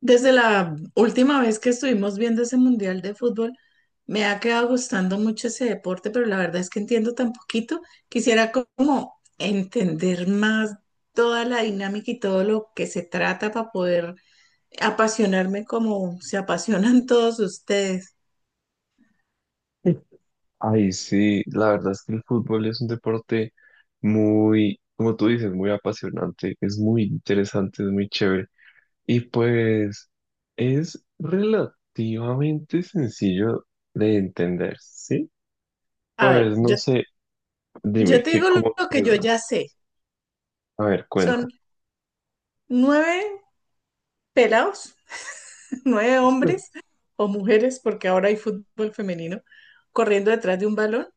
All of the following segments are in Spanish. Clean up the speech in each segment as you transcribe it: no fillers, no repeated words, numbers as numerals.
Desde la última vez que estuvimos viendo ese mundial de fútbol, me ha quedado gustando mucho ese deporte, pero la verdad es que entiendo tan poquito. Quisiera como entender más toda la dinámica y todo lo que se trata para poder apasionarme como se apasionan todos ustedes. Ay, sí, la verdad es que el fútbol es un deporte muy, como tú dices, muy apasionante, es muy interesante, es muy chévere. Y pues es relativamente sencillo de entender, ¿sí? A ver, Pues no yo, sé, yo dime te qué, digo lo, cómo lo que yo ya quedas. sé. A ver, Son cuenta. nueve pelados, nueve hombres o mujeres, porque ahora hay fútbol femenino, corriendo detrás de un balón.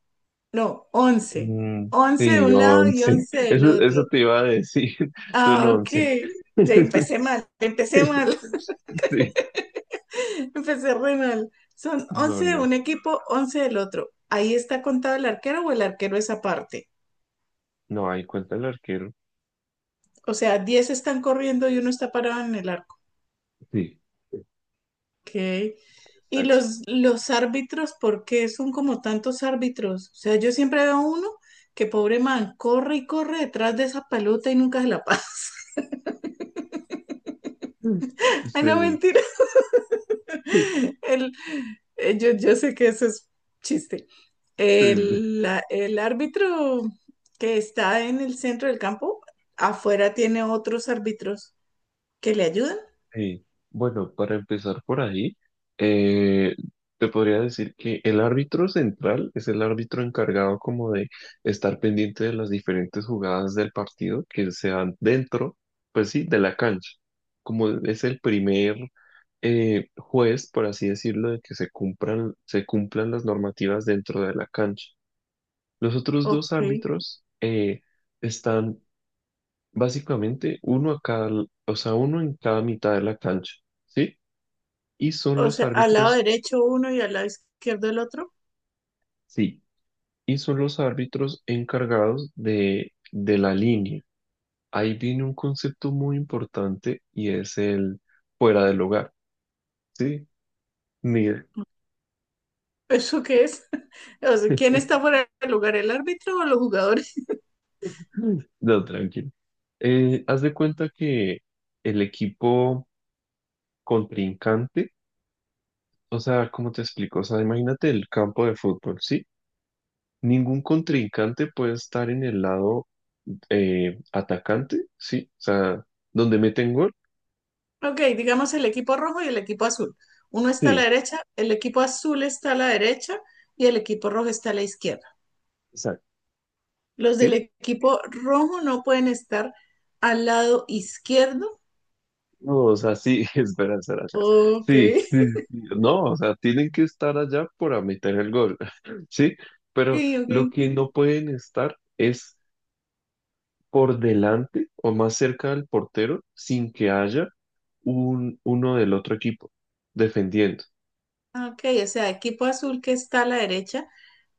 No, 11, Mm, 11 de sí, un lado y once. 11 del Eso, otro. eso te iba a decir, son Ah, ok. once. Ya empecé mal, Sí, empecé re mal. Son no, 11 de no. un equipo, 11 del otro. ¿Ahí está contado el arquero o el arquero es aparte? No, ahí cuenta el arquero. O sea, 10 están corriendo y uno está parado en el arco. Sí, Ok. ¿Y exacto. Los árbitros, por qué son como tantos árbitros? O sea, yo siempre veo uno que pobre man corre y corre detrás de esa pelota y nunca se la pasa. Mm. Ay, no, este, mentira. sí. El- yo sé que eso es chiste. este, El árbitro que está en el centro del campo, afuera tiene otros árbitros que le ayudan. sí. Bueno, para empezar por ahí, eh, te podría decir que el árbitro central es el árbitro encargado como de estar pendiente de las diferentes jugadas del partido que se dan dentro, pues sí, de la cancha. Como es el primer juez, por así decirlo, de que se cumplan las normativas dentro de la cancha. Los otros dos Ok. árbitros están básicamente, uno a cada, o sea, uno en cada mitad de la cancha, ¿sí? Y son O los sea, al lado árbitros, derecho uno y al lado izquierdo el otro. sí, y son los árbitros encargados de la línea. Ahí viene un concepto muy importante y es el fuera del hogar, ¿sí? Mira, ¿Eso qué es? O sea, ¿quién está fuera del lugar, el árbitro o los jugadores? no, tranquilo. Haz de cuenta que el equipo contrincante, o sea, ¿cómo te explico? O sea, imagínate el campo de fútbol, ¿sí? Ningún contrincante puede estar en el lado atacante, ¿sí? O sea, donde meten gol. Ok, digamos el equipo rojo y el equipo azul. Uno está a la Sí, derecha, el equipo azul está a la derecha y el equipo rojo está a la izquierda. exacto. Los del ¿Sí? equipo rojo no pueden estar al lado izquierdo. No, o sea, sí, espera, espera, espera. Ok, Sí, sí, sí. No, o sea, tienen que estar allá para meter el gol, ¿sí? Pero ok, lo ok. que no pueden estar es por delante o más cerca del portero sin que haya uno del otro equipo defendiendo. Ok, o sea, equipo azul que está a la derecha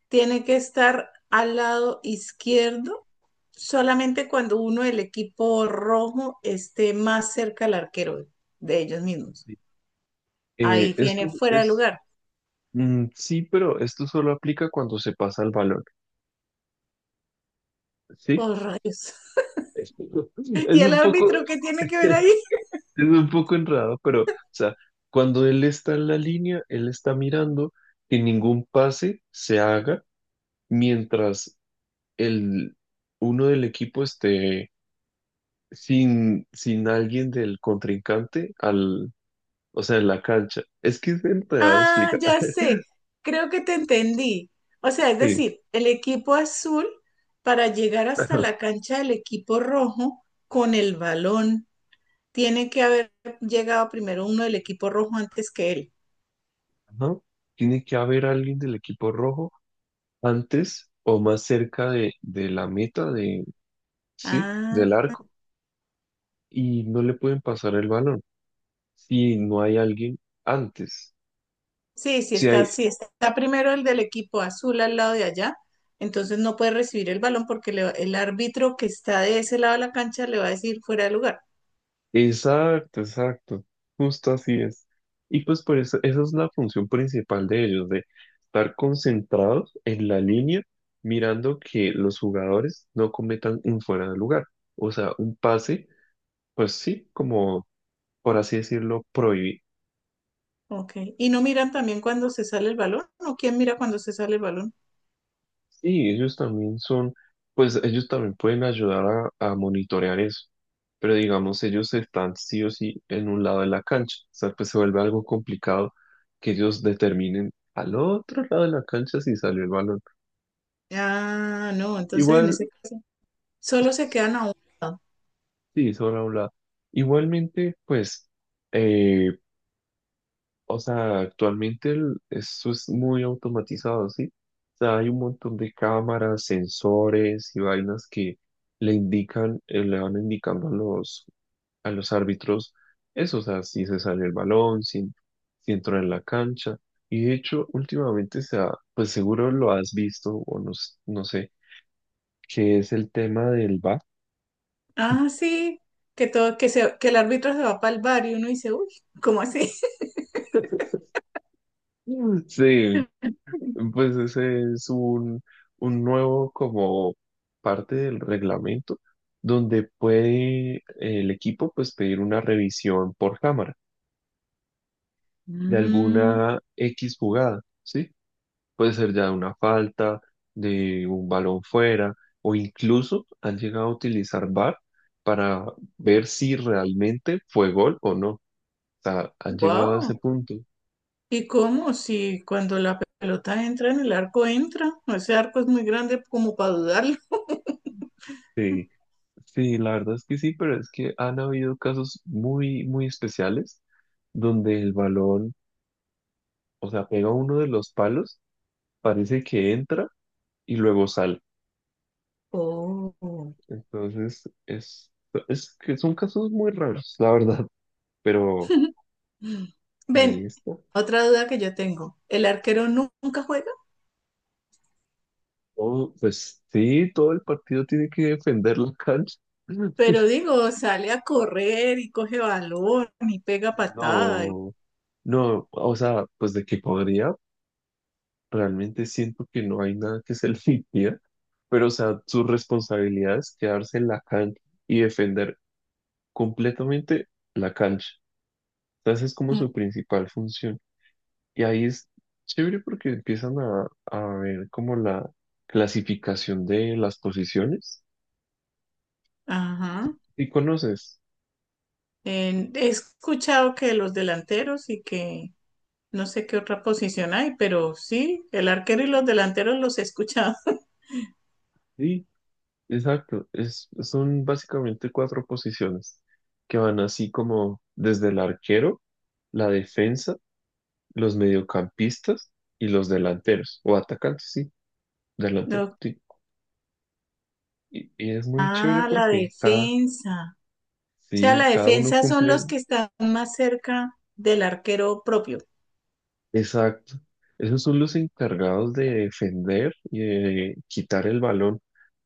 tiene que estar al lado izquierdo solamente cuando uno del equipo rojo esté más cerca al arquero de ellos mismos. Eh, Ahí esto viene fuera de es, lugar. mm, sí, pero esto solo aplica cuando se pasa el balón, ¿sí? Oh, rayos. Es ¿Y es el un poco, árbitro qué tiene que ver es ahí? un poco enredado, pero, o sea, cuando él está en la línea, él está mirando que ningún pase se haga mientras el, uno del equipo esté sin alguien del contrincante al, o sea, en la cancha. Es que es enterado Ah, explicar. ya sé, creo que te entendí. O sea, es Sí. decir, el equipo azul para llegar hasta Ajá. la cancha del equipo rojo con el balón, tiene que haber llegado primero uno del equipo rojo antes que él. Ajá. Tiene que haber alguien del equipo rojo antes o más cerca de la meta de, sí, Ah, del arco y no le pueden pasar el balón si no hay alguien antes. sí, sí Si está, hay, sí está primero el del equipo azul al lado de allá, entonces no puede recibir el balón porque el árbitro que está de ese lado de la cancha le va a decir fuera de lugar. exacto, exacto, justo así es. Y pues por eso, esa es la función principal de ellos, de estar concentrados en la línea, mirando que los jugadores no cometan un fuera de lugar. O sea, un pase, pues sí, como por así decirlo, prohibido. Ok. ¿Y no miran también cuando se sale el balón? ¿O quién mira cuando se sale el balón? Sí, ellos también son, pues ellos también pueden ayudar a monitorear eso, pero digamos, ellos están sí o sí en un lado de la cancha, o sea, pues se vuelve algo complicado que ellos determinen al otro lado de la cancha si salió el balón. Ah, no, entonces en Igual, ese caso solo se quedan a un lado. sí, sobre un lado. Igualmente, pues, eh, o sea, actualmente el- esto es muy automatizado, ¿sí? O sea, hay un montón de cámaras, sensores y vainas que le indican, le van indicando a los árbitros eso, o sea, si se sale el balón, si entró en la cancha. Y de hecho, últimamente se ha, pues seguro lo has visto, o no, s- no sé, que es el tema del VAR. Ah, sí, que el árbitro se va para el bar y uno dice, uy, ¿cómo así? Sí, pues ese es un nuevo como parte del reglamento donde puede el equipo pues pedir una revisión por cámara de Mm, alguna X jugada, ¿sí? Puede ser ya de una falta, de un balón fuera o incluso han llegado a utilizar VAR para ver si realmente fue gol o no. O sea, han llegado a wow. ese punto. ¿Y cómo? Si cuando la pelota entra en el arco entra, ese arco es muy grande como para dudar. Sí. Sí, la verdad es que sí, pero es que han habido casos muy, muy especiales donde el balón, o sea, pega uno de los palos, parece que entra y luego sale. Oh. Entonces, es que son casos muy raros, la verdad, pero ahí Ven, está. otra duda que yo tengo. El arquero nunca juega, Todo- pues sí, todo el partido tiene que defender la cancha. pero digo, sale a correr y coge balón y pega patada. Y- No, no, o sea, pues de que podría. Realmente siento que no hay nada que se le impida, pero o sea, su responsabilidad es quedarse en la cancha y defender completamente la cancha. Entonces es como mm, su principal función. Y ahí es chévere porque empiezan a ver como la clasificación de las posiciones. Ajá. ¿Y conoces? He escuchado que los delanteros y que no sé qué otra posición hay, pero sí, el arquero y los delanteros los he escuchado. Sí, exacto. Son básicamente cuatro posiciones que van así como desde el arquero, la defensa, los mediocampistas y los delanteros, o atacantes, sí, delanteros, No. sí. Y es muy chévere Ah, la porque cada, defensa. O sea, sí, la cada uno defensa son cumple, los que están más cerca del arquero propio. exacto. Esos son los encargados de defender y de quitar el balón,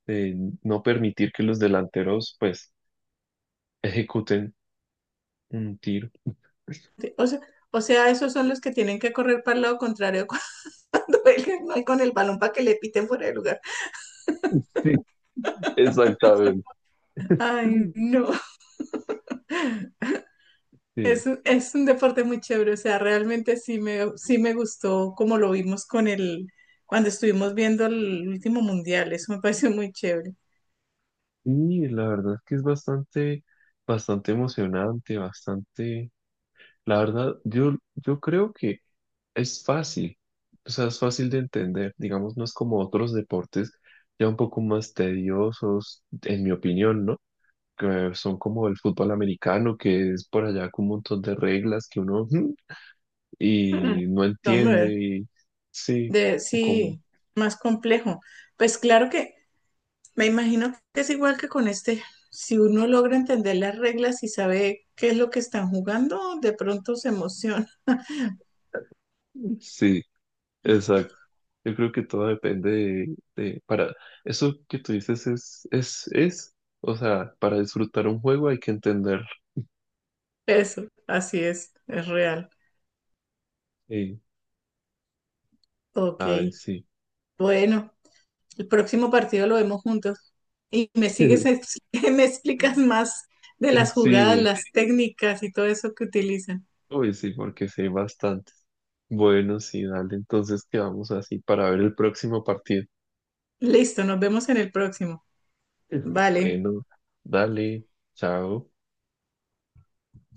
de no permitir que los delanteros, pues, ejecuten un tiro. Sí, O sea, esos son los que tienen que correr para el lado contrario cuando él no hay con el balón para que le piten fuera de lugar. Sí, exactamente. Ay, no. Sí, Es un deporte muy chévere. O sea, realmente sí me gustó como lo vimos con el, cuando estuvimos viendo el último mundial. Eso me pareció muy chévere. y la verdad es que es bastante, bastante emocionante, bastante, la verdad, yo creo que es fácil, o sea, es fácil de entender, digamos, no es como otros deportes ya un poco más tediosos, en mi opinión, ¿no? Que son como el fútbol americano, que es por allá con un montón de reglas que uno "Mm", Mm, y no entiende, Hombre, y sí, o como, sí, más complejo. Pues claro que me imagino que es igual que con este. Si uno logra entender las reglas y sabe qué es lo que están jugando, de pronto se emociona. sí, exacto. Yo creo que todo depende de- para, eso que tú dices es, o sea, para disfrutar un juego hay que entenderlo. Eso, así es real. Sí, Ok, ay, sí. bueno, el próximo partido lo vemos juntos. Y me sigues, me explicas más de las jugadas, Sí, las técnicas y todo eso que utilizan. uy, sí, porque sé bastante. Bueno, sí, dale, entonces quedamos así para ver el próximo partido. Listo, nos vemos en el próximo. Ujú. Vale. Bueno, dale, chao.